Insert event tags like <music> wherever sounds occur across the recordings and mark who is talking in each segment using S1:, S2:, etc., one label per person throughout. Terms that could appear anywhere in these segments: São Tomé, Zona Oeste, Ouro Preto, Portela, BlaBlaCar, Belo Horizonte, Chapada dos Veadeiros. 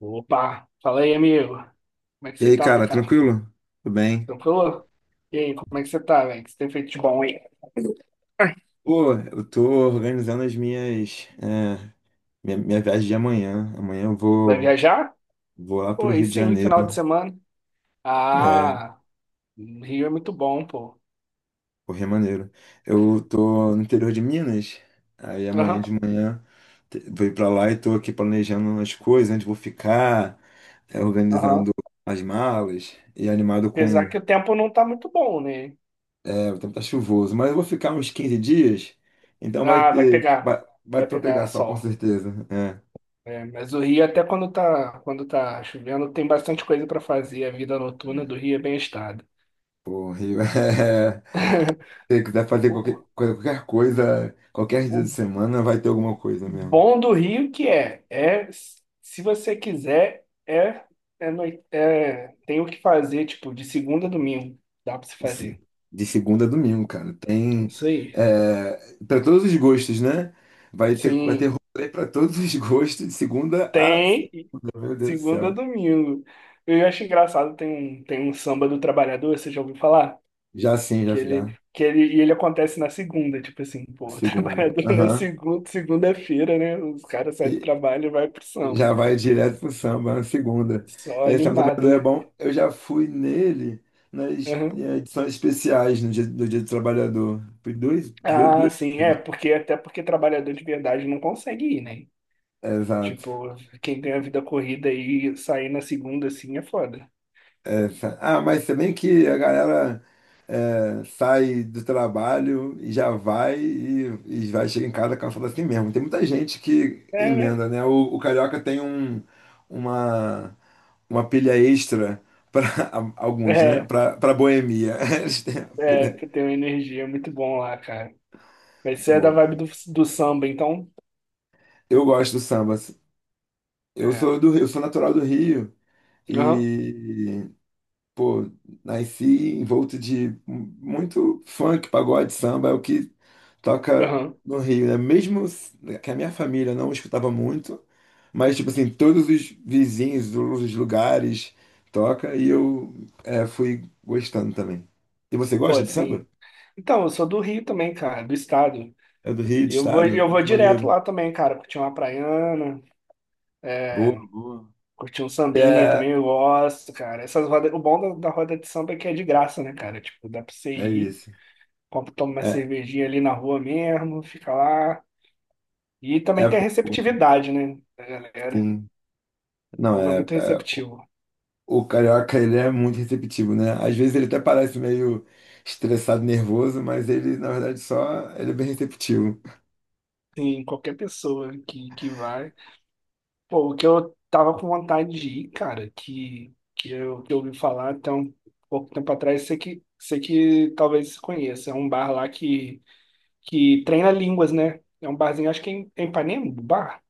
S1: Opa, fala aí, amigo. Como é que
S2: E
S1: você
S2: aí,
S1: tá,
S2: cara,
S1: cara?
S2: tranquilo? Tudo bem?
S1: Tranquilo? E aí, como é que você tá, velho? O que você tem feito de bom aí?
S2: Pô, eu tô organizando as minhas, minha viagem de amanhã. Amanhã eu
S1: Vai
S2: vou,
S1: viajar?
S2: vou lá
S1: Pô,
S2: pro
S1: aí
S2: Rio de
S1: sim,
S2: Janeiro.
S1: final de semana.
S2: É,
S1: Ah, Rio é muito bom, pô.
S2: pro Rio de Janeiro. Eu tô no interior de Minas. Aí amanhã
S1: Aham,
S2: de manhã vou ir pra lá e tô aqui planejando as coisas, onde vou ficar,
S1: aham.
S2: organizando as malas e animado com.
S1: Apesar que o tempo não tá muito bom, né?
S2: É, o tempo tá chuvoso, mas eu vou ficar uns 15 dias, então vai
S1: Ah, vai
S2: ter.
S1: pegar.
S2: Vai
S1: Vai
S2: pra eu
S1: pegar
S2: pegar sol, com
S1: sol.
S2: certeza. É.
S1: É, mas o Rio, até quando tá chovendo, tem bastante coisa pra fazer. A vida noturna do Rio é bem agitada.
S2: Pô, Rio. <laughs> Se quiser fazer qualquer
S1: O,
S2: coisa, qualquer coisa, qualquer dia de
S1: o
S2: semana vai ter alguma coisa mesmo.
S1: bom do Rio que é, é se você quiser, é, tem o que fazer, tipo, de segunda a domingo, dá pra você
S2: De, se-
S1: fazer.
S2: de segunda a domingo, cara. Tem
S1: Isso aí.
S2: é... para todos os gostos, né? Vai ter
S1: Sim,
S2: rolê para todos os gostos, de segunda a
S1: tem
S2: segunda. Meu Deus do
S1: segunda a
S2: céu.
S1: domingo. Eu acho engraçado, tem um samba do trabalhador, você já ouviu falar?
S2: Já sim, já,
S1: Que ele,
S2: já.
S1: que ele, e ele acontece na segunda, tipo assim, pô, o <laughs>
S2: Segunda.
S1: trabalhador na
S2: Aham.
S1: segunda, segunda-feira, né? Os caras saem do trabalho e vai pro samba.
S2: Já vai direto pro samba, na segunda.
S1: Só
S2: É, Samba
S1: animado,
S2: Trabalhador é
S1: né?
S2: bom. Eu já fui nele nas edições especiais no dia, do Dia do Trabalhador. Fui
S1: Ah,
S2: duas
S1: sim, é,
S2: vezes.
S1: porque até porque trabalhador de verdade não consegue ir, né?
S2: Exato.
S1: Tipo, quem ganha vida corrida e sair na segunda assim é foda.
S2: Essa. Ah, mas também que a galera sai do trabalho e já vai e vai chegar em casa cansado assim mesmo. Tem muita gente que
S1: É, né?
S2: emenda, né? O carioca tem uma uma pilha extra para <laughs> alguns, né?
S1: é,
S2: Para boemia. <laughs> Eles têm uma
S1: é,
S2: pilha.
S1: que tem uma energia muito bom lá, cara. Mas
S2: Muito
S1: você é da
S2: bom.
S1: vibe do, do samba, então?
S2: Eu gosto do samba. Eu
S1: É.
S2: sou do Rio, eu sou natural do Rio
S1: Aham,
S2: e pô, nasci envolto de muito funk, pagode, samba, é o que toca
S1: aham.
S2: no Rio, né? Mesmo que a minha família não escutava muito, mas tipo assim, todos os vizinhos, todos os lugares toca e eu fui gostando também. E você
S1: Pô,
S2: gosta de samba?
S1: assim. Então, eu sou do Rio também, cara, do estado.
S2: É do Rio, do
S1: E
S2: estado?
S1: eu
S2: Ah,
S1: vou
S2: que
S1: direto
S2: maneiro.
S1: lá também, cara, curtir uma praiana,
S2: Boa,
S1: é,
S2: boa.
S1: curtir um sambinha
S2: É,
S1: também, eu gosto, cara. Essas rodas, o bom da, da roda de samba é que é de graça, né, cara? Tipo, dá pra você
S2: é
S1: ir,
S2: isso.
S1: compra, toma uma
S2: É,
S1: cervejinha ali na rua mesmo, fica lá. E
S2: é
S1: também tem a
S2: pouco,
S1: receptividade, né, da galera.
S2: sim.
S1: O
S2: Não.
S1: povo é muito receptivo.
S2: O carioca, ele é muito receptivo, né? Às vezes ele até parece meio estressado, nervoso, mas ele, na verdade, só... Ele é bem receptivo.
S1: Tem qualquer pessoa que vai. Pô, o que eu tava com vontade de ir, cara, que eu ouvi falar até um pouco tempo atrás, sei que talvez você conheça. É um bar lá que treina línguas, né? É um barzinho, acho que é em Ipanema, o bar.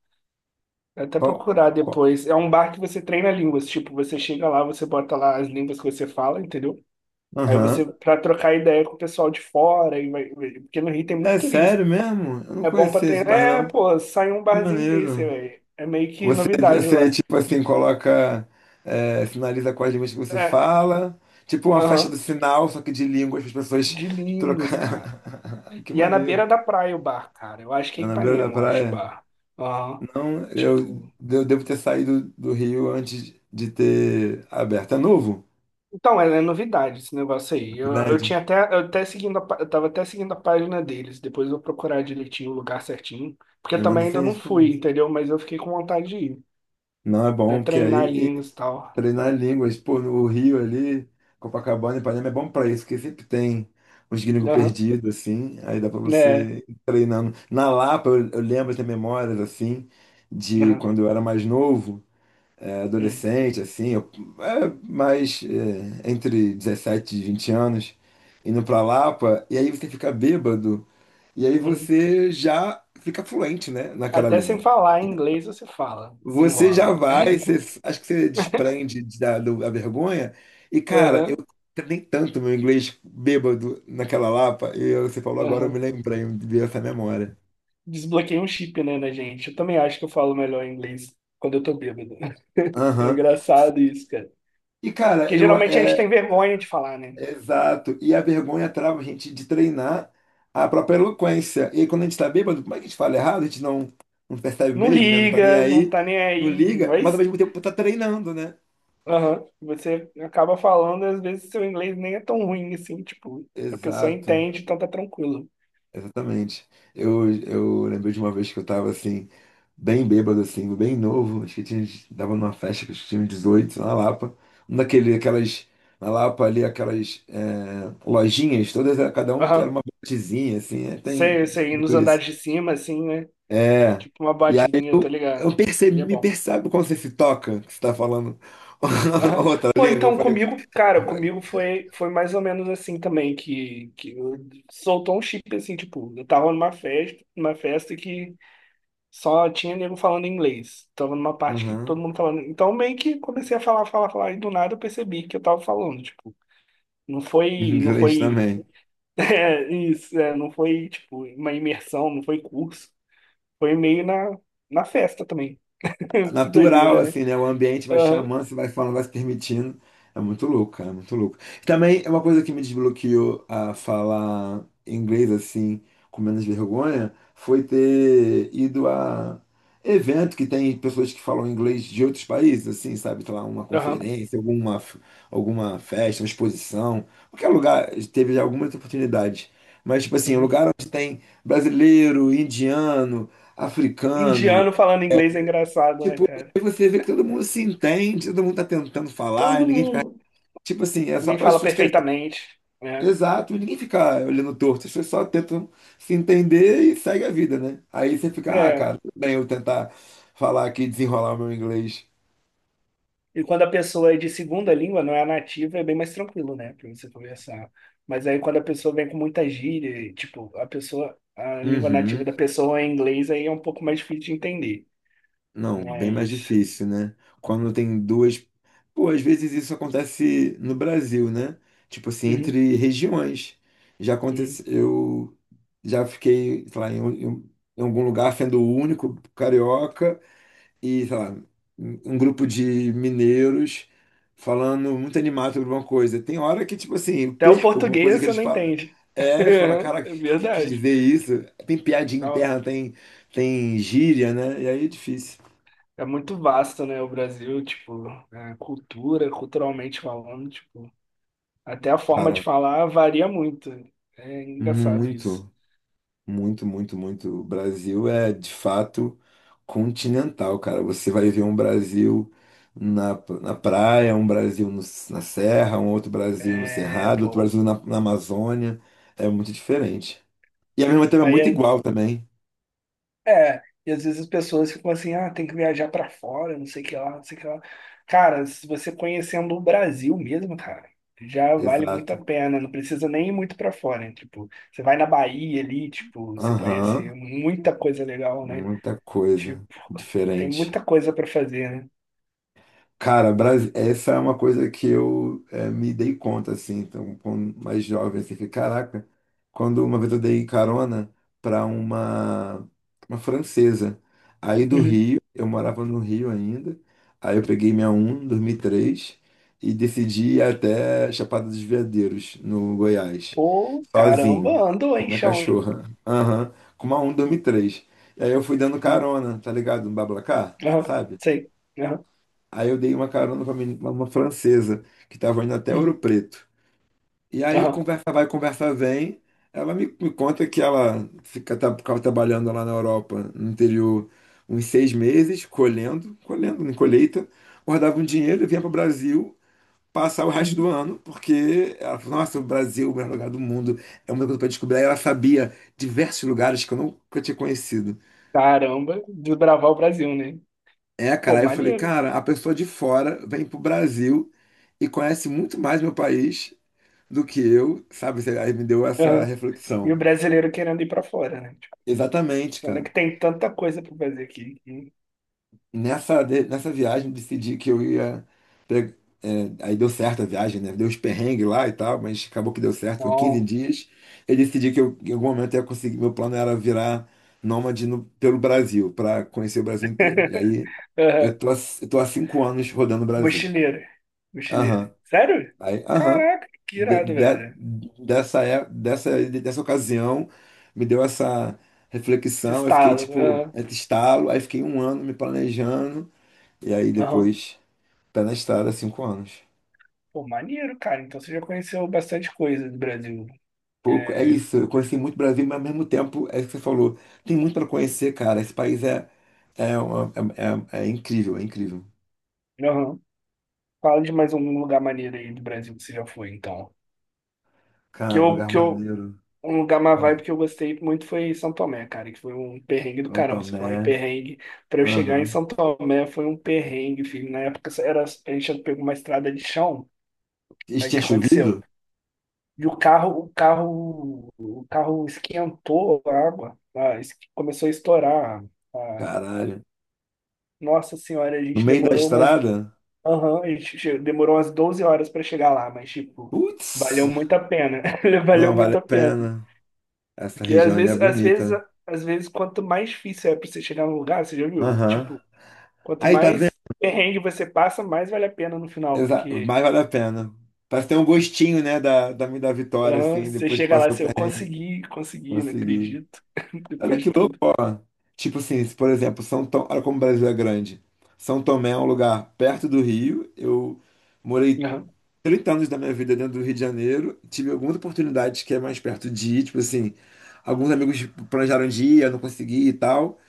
S1: Vou até
S2: Qual?
S1: procurar
S2: Qual?
S1: depois. É um bar que você treina línguas. Tipo, você chega lá, você bota lá as línguas que você fala, entendeu? Aí você,
S2: Aham.
S1: pra trocar ideia com o pessoal de fora, e porque no Rio tem muito
S2: É
S1: turista.
S2: sério mesmo? Eu não
S1: É bom pra
S2: conhecia esse
S1: treinar.
S2: bar,
S1: É,
S2: não.
S1: pô, sai um
S2: Que
S1: barzinho desse,
S2: maneiro.
S1: velho. É meio que
S2: Você,
S1: novidade
S2: você
S1: lá.
S2: tipo assim, coloca, sinaliza quais línguas que você
S1: É,
S2: fala. Tipo uma festa do
S1: aham.
S2: sinal, só que de línguas, para as pessoas
S1: De línguas, cara.
S2: trocar. <laughs> Que
S1: E é na
S2: maneiro.
S1: beira da praia o bar, cara. Eu acho que
S2: É
S1: é
S2: na beira da
S1: Ipanema, eu acho o
S2: praia?
S1: bar. Aham.
S2: Não, eu,
S1: Tipo.
S2: eu devo ter saído do Rio antes de ter aberto. É novo?
S1: Então, é, é novidade esse negócio aí. Eu
S2: Verdade.
S1: tinha até. Eu tava até seguindo a página deles. Depois eu vou procurar direitinho o lugar certinho. Porque eu
S2: Me manda
S1: também ainda
S2: sem
S1: não fui,
S2: referência.
S1: entendeu? Mas eu fiquei com vontade de ir.
S2: Não é
S1: Pra
S2: bom, porque
S1: treinar
S2: aí.
S1: línguas e tal.
S2: Treinar línguas, pô, no Rio ali, Copacabana, Ipanema é bom pra isso, porque sempre tem uns gringos
S1: Aham.
S2: perdidos, assim, aí dá pra
S1: Né?
S2: você ir treinando. Na Lapa, eu lembro de ter memórias, assim, de
S1: Aham.
S2: quando eu era mais novo,
S1: Hum.
S2: adolescente, assim, eu, é, mais eh, entre 17 e 20 anos, indo pra Lapa, e aí você fica bêbado, e aí
S1: Uhum.
S2: você já fica fluente, né, naquela
S1: Até sem
S2: língua.
S1: falar em inglês você fala,
S2: Você já
S1: desenrola.
S2: vai, você,
S1: <laughs>
S2: acho que você desprende da vergonha. E, cara, eu
S1: Aham.
S2: nem tanto meu inglês bêbado naquela Lapa, e você falou agora, eu me
S1: Aham.
S2: lembrei, me veio essa memória.
S1: Desbloqueei um chip, né, na gente. Eu também acho que eu falo melhor inglês quando eu tô bêbado. <laughs> É
S2: Aham.
S1: engraçado isso, cara.
S2: E, cara,
S1: Porque
S2: eu.
S1: geralmente a gente
S2: É,
S1: tem vergonha de falar, né?
S2: é exato. E a vergonha trava a gente de treinar a própria eloquência. E aí, quando a gente tá bêbado, como é que a gente fala errado? A gente não percebe
S1: Não
S2: mesmo, né? Não tá nem
S1: liga, não
S2: aí,
S1: tá nem
S2: não
S1: aí,
S2: liga, mas ao
S1: mas
S2: mesmo tempo tá treinando, né?
S1: aham, você acaba falando, às vezes seu inglês nem é tão ruim assim, tipo, a pessoa
S2: Exato.
S1: entende, então tá tranquilo.
S2: Exatamente. Eu lembrei de uma vez que eu tava assim, bem bêbado, assim, bem novo. Acho que tava numa festa que eu tinha 18 na Lapa. Um daquele, aquelas, na Lapa ali, aquelas lojinhas, todas, cada um era
S1: Aham.
S2: uma botezinha, assim, tem
S1: Sei, você
S2: tudo
S1: nos
S2: isso.
S1: andares de cima, assim, né?
S2: É.
S1: Tipo uma
S2: E aí
S1: batezinha, tá ligado?
S2: eu
S1: Ele
S2: percebi,
S1: é
S2: me
S1: bom.
S2: percebe quando você se toca, que você tá falando <laughs>
S1: Aham.
S2: outra
S1: Pô,
S2: língua. Eu
S1: então
S2: falei,
S1: comigo, cara,
S2: velho.
S1: comigo foi, foi mais ou menos assim também, soltou um chip assim, tipo, eu tava numa festa que só tinha nego falando inglês. Tava numa parte que todo
S2: Aham.
S1: mundo falando. Então meio que comecei a falar, falar, falar, e do nada eu percebi que eu tava falando, tipo, não
S2: Em
S1: foi, não
S2: inglês
S1: foi,
S2: também.
S1: <laughs> é, isso, não foi, tipo, uma imersão, não foi curso, foi meio na, na festa também. <laughs> Que
S2: Natural,
S1: doideira, né?
S2: assim, né? O ambiente vai
S1: Aham,
S2: chamando, você vai falando, vai se permitindo. É muito louco, cara, é muito louco. Também é uma coisa que me desbloqueou a falar inglês, assim, com menos vergonha, foi ter ido a evento que tem pessoas que falam inglês de outros países, assim, sabe? Sei lá, uma
S1: aham.
S2: conferência, alguma festa, uma exposição, qualquer lugar, teve já algumas oportunidades. Mas, tipo assim, um
S1: Uhum.
S2: lugar onde tem brasileiro, indiano, africano,
S1: Indiano falando inglês é engraçado, né,
S2: tipo,
S1: cara?
S2: e você vê que todo mundo se entende, todo mundo tá tentando falar, e
S1: Todo
S2: ninguém fica.
S1: mundo.
S2: Tipo assim, é só
S1: Ninguém
S2: para as
S1: fala
S2: pessoas que querem saber.
S1: perfeitamente, né?
S2: Exato, e ninguém fica olhando torto, as pessoas só tentam se entender e segue a vida, né? Aí você fica, ah,
S1: É.
S2: cara, tudo bem eu tentar falar aqui, desenrolar o meu inglês.
S1: E quando a pessoa é de segunda língua, não é a nativa, é bem mais tranquilo, né, pra você conversar. Mas aí quando a pessoa vem com muita gíria, e, tipo, a pessoa, a língua nativa
S2: Uhum.
S1: da pessoa é inglês, aí é um pouco mais difícil de entender.
S2: Não, bem mais
S1: Mas.
S2: difícil, né? Quando tem duas. Pô, às vezes isso acontece no Brasil, né? Tipo assim,
S1: Uhum,
S2: entre regiões. Já
S1: uhum.
S2: aconteceu. Eu já fiquei, sei lá, em algum lugar sendo o único carioca e, sei lá, um grupo de mineiros falando muito animado sobre alguma coisa. Tem hora que, tipo assim, eu
S1: Até o
S2: perco alguma coisa
S1: português
S2: que
S1: você
S2: eles
S1: não
S2: falam.
S1: entende.
S2: É, fala, cara,
S1: <laughs>
S2: o
S1: É
S2: que, que quis
S1: verdade.
S2: dizer isso? Tem piadinha
S1: Então,
S2: interna, tem gíria, né? E aí é difícil.
S1: é muito vasto, né, o Brasil, tipo, a cultura, culturalmente falando, tipo, até a forma de
S2: Cara,
S1: falar varia muito. É engraçado isso.
S2: muito, muito, muito, muito. O Brasil é de fato continental, cara. Você vai ver um Brasil na, na praia, um Brasil na serra, um outro Brasil no
S1: É,
S2: Cerrado, outro
S1: pô.
S2: Brasil na Amazônia. É muito diferente. E ao mesmo tempo é muito
S1: Aí,
S2: igual também.
S1: é, e às vezes as pessoas ficam assim, ah, tem que viajar pra fora, não sei o que lá, não sei o que lá. Cara, se você conhecendo o Brasil mesmo, cara, já vale muito a
S2: Exato.
S1: pena, não precisa nem ir muito pra fora, né? Tipo, você vai na Bahia ali, tipo, você conhece
S2: Aham.
S1: muita coisa legal, né?
S2: Muita coisa
S1: Tipo, tem
S2: diferente.
S1: muita coisa pra fazer, né?
S2: Cara, essa é uma coisa que eu me dei conta, assim, então, quando mais jovem, assim, que, caraca, quando uma vez eu dei carona para uma francesa, aí do Rio, eu morava no Rio ainda, aí eu peguei minha um em 2003 e três e decidi ir até Chapada dos Veadeiros, no Goiás,
S1: Pô, caramba,
S2: sozinho,
S1: andou,
S2: com
S1: hein,
S2: minha
S1: chão, hein?
S2: cachorra, aham, com uma um em 2003. E três. E aí eu fui dando
S1: Aham,
S2: carona, tá ligado, no BlaBlaCar,
S1: aham,
S2: sabe?
S1: sei. Aham,
S2: Aí eu dei uma carona pra uma francesa que tava indo até Ouro
S1: hum,
S2: Preto. E aí
S1: aham.
S2: conversa vai, conversa vem. Ela me conta que ela ficava trabalhando lá na Europa, no interior, uns 6 meses, colhendo, colhendo, em colheita, guardava um dinheiro e vinha para o Brasil passar o resto
S1: Uhum.
S2: do ano, porque ela falou, nossa, o Brasil é o melhor lugar do mundo, é uma coisa para descobrir. Aí ela sabia diversos lugares que eu nunca tinha conhecido.
S1: Caramba, desbravar o Brasil, né?
S2: É,
S1: Pô,
S2: cara, aí eu falei,
S1: maneiro.
S2: cara, a pessoa de fora vem pro Brasil e conhece muito mais meu país do que eu, sabe? Aí me deu essa
S1: Aham. E o
S2: reflexão.
S1: brasileiro querendo ir pra fora, né? Tipo,
S2: Exatamente,
S1: sendo
S2: cara.
S1: que tem tanta coisa pra fazer aqui. Que.
S2: Nessa viagem decidi que eu ia. pe- Aí deu certo a viagem, né? Deu os perrengues lá e tal, mas acabou que deu certo, foram 15
S1: Bom.
S2: dias. Eu decidi que eu, em algum momento eu ia conseguir. Meu plano era virar nômade pelo Brasil, para conhecer o Brasil inteiro. E
S1: <laughs>
S2: aí
S1: Aham.
S2: eu tô, há- eu tô há 5 anos rodando o Brasil.
S1: Mochileiro. Mochileiro.
S2: Aham.
S1: Sério?
S2: Aí, aham,
S1: Caraca, que
S2: de- de-
S1: irado, velho.
S2: dessa ocasião, me deu essa
S1: Esse
S2: reflexão, eu fiquei
S1: estalo.
S2: tipo,
S1: Aham.
S2: entre estalo, aí fiquei um ano me planejando, e aí
S1: Aham.
S2: depois, pé na estrada, 5 anos.
S1: Pô, maneiro, cara. Então você já conheceu bastante coisa do Brasil, né?
S2: Pouco, é
S1: É...
S2: isso, eu conheci muito Brasil, mas ao mesmo tempo, é isso que você falou, tem muito para conhecer, cara, esse país é incrível, é incrível.
S1: aham. Fala de mais um lugar maneiro aí do Brasil que você já foi, então.
S2: Cara, um lugar
S1: Que eu,
S2: maneiro,
S1: um lugar má
S2: vai,
S1: vibe que eu gostei muito foi São Tomé, cara, que foi um perrengue do
S2: São
S1: caramba. Você falou em
S2: Tomé,
S1: perrengue. Pra eu chegar em
S2: aham.
S1: São Tomé foi um perrengue, filho. Na época era, a gente pegou uma estrada de chão,
S2: E
S1: aí o
S2: tinha
S1: que aconteceu?
S2: chovido?
S1: E o carro esquentou a água, tá? Es- começou a estourar. A.
S2: Caralho.
S1: Nossa Senhora, a
S2: No
S1: gente
S2: meio da
S1: demorou umas,
S2: estrada?
S1: aham, e demorou umas 12 horas pra chegar lá, mas, tipo, valeu
S2: Putz,
S1: muito a pena. <laughs> Valeu
S2: não vale a
S1: muito a pena.
S2: pena. Essa
S1: Porque às
S2: região ali é
S1: vezes, às vezes,
S2: bonita.
S1: às vezes, quanto mais difícil é pra você chegar num lugar, você já viu?
S2: Aham.
S1: Tipo, quanto
S2: Aí, tá vendo?
S1: mais perrengue você passa, mais vale a pena no final.
S2: Exa
S1: Porque
S2: Mas vale a pena. Parece ter um gostinho, né, da vitória,
S1: aham,
S2: assim,
S1: você
S2: depois que
S1: chega lá,
S2: passou o
S1: você, eu
S2: perrengue,
S1: consegui, consegui, não
S2: conseguir.
S1: acredito. <laughs>
S2: Olha
S1: Depois de
S2: que louco,
S1: tudo.
S2: ó. Tipo assim, se, por exemplo, São Tomé, olha como o Brasil é grande. São Tomé é um lugar perto do Rio. Eu morei
S1: Aham,
S2: 30 anos da minha vida dentro do Rio de Janeiro. Tive algumas oportunidades que é mais perto de ir, tipo assim, alguns amigos planejaram de ir, eu não consegui e tal.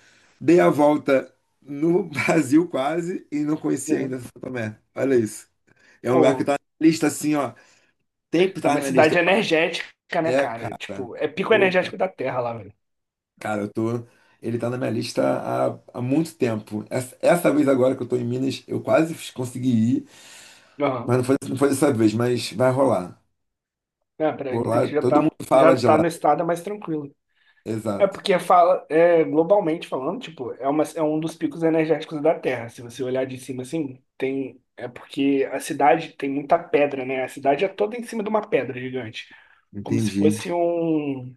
S2: Dei a volta no <laughs> Brasil quase e não conheci
S1: aham.
S2: ainda São Tomé. Olha isso. É um lugar que
S1: Pô,
S2: tá na lista assim, ó. Tem que
S1: é
S2: tá na
S1: uma
S2: minha lista.
S1: cidade energética, né,
S2: É,
S1: cara?
S2: cara.
S1: Tipo, é pico
S2: Puta.
S1: energético da Terra lá, velho.
S2: Cara, eu tô. Ele tá na minha lista há muito tempo. Essa vez agora que eu tô em Minas, eu quase consegui ir,
S1: Aham.
S2: mas não foi, não foi dessa vez, mas vai rolar.
S1: É, pra
S2: Por
S1: você
S2: lá,
S1: que
S2: todo mundo fala
S1: já
S2: de
S1: tá
S2: lá.
S1: no estado mais tranquilo. É
S2: Exato.
S1: porque fala, globalmente falando, tipo, é um dos picos energéticos da Terra. Se você olhar de cima assim, tem. É porque a cidade tem muita pedra, né? A cidade é toda em cima de uma pedra gigante. Como se
S2: Entendi.
S1: fosse um,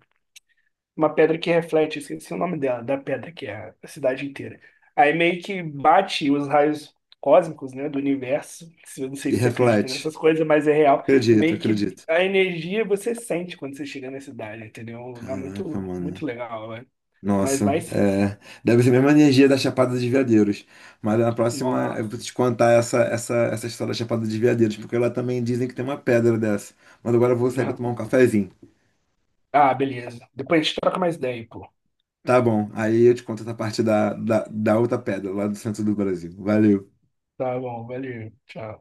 S1: uma pedra que reflete, esqueci o nome dela, da pedra, que é a cidade inteira. Aí meio que bate os raios cósmicos, né, do universo. Eu não sei
S2: E
S1: se você acredita
S2: reflete.
S1: nessas coisas, mas é real. E
S2: Acredito,
S1: meio que
S2: acredito.
S1: a energia você sente quando você chega na cidade, entendeu? É um lugar
S2: Caraca,
S1: muito,
S2: mano.
S1: muito legal, né? Mas
S2: Nossa,
S1: vai sim.
S2: deve ser a mesma energia da Chapada dos Veadeiros. Mas na próxima eu
S1: Nossa.
S2: vou te contar essa história da Chapada dos Veadeiros, porque lá também dizem que tem uma pedra dessa. Mas agora eu vou sair para tomar um
S1: <laughs>
S2: cafezinho.
S1: Ah, beleza. Depois a gente troca mais ideia, pô.
S2: Tá bom, aí eu te conto essa parte da outra pedra lá do centro do Brasil. Valeu.
S1: Tá bom, valeu. Tchau.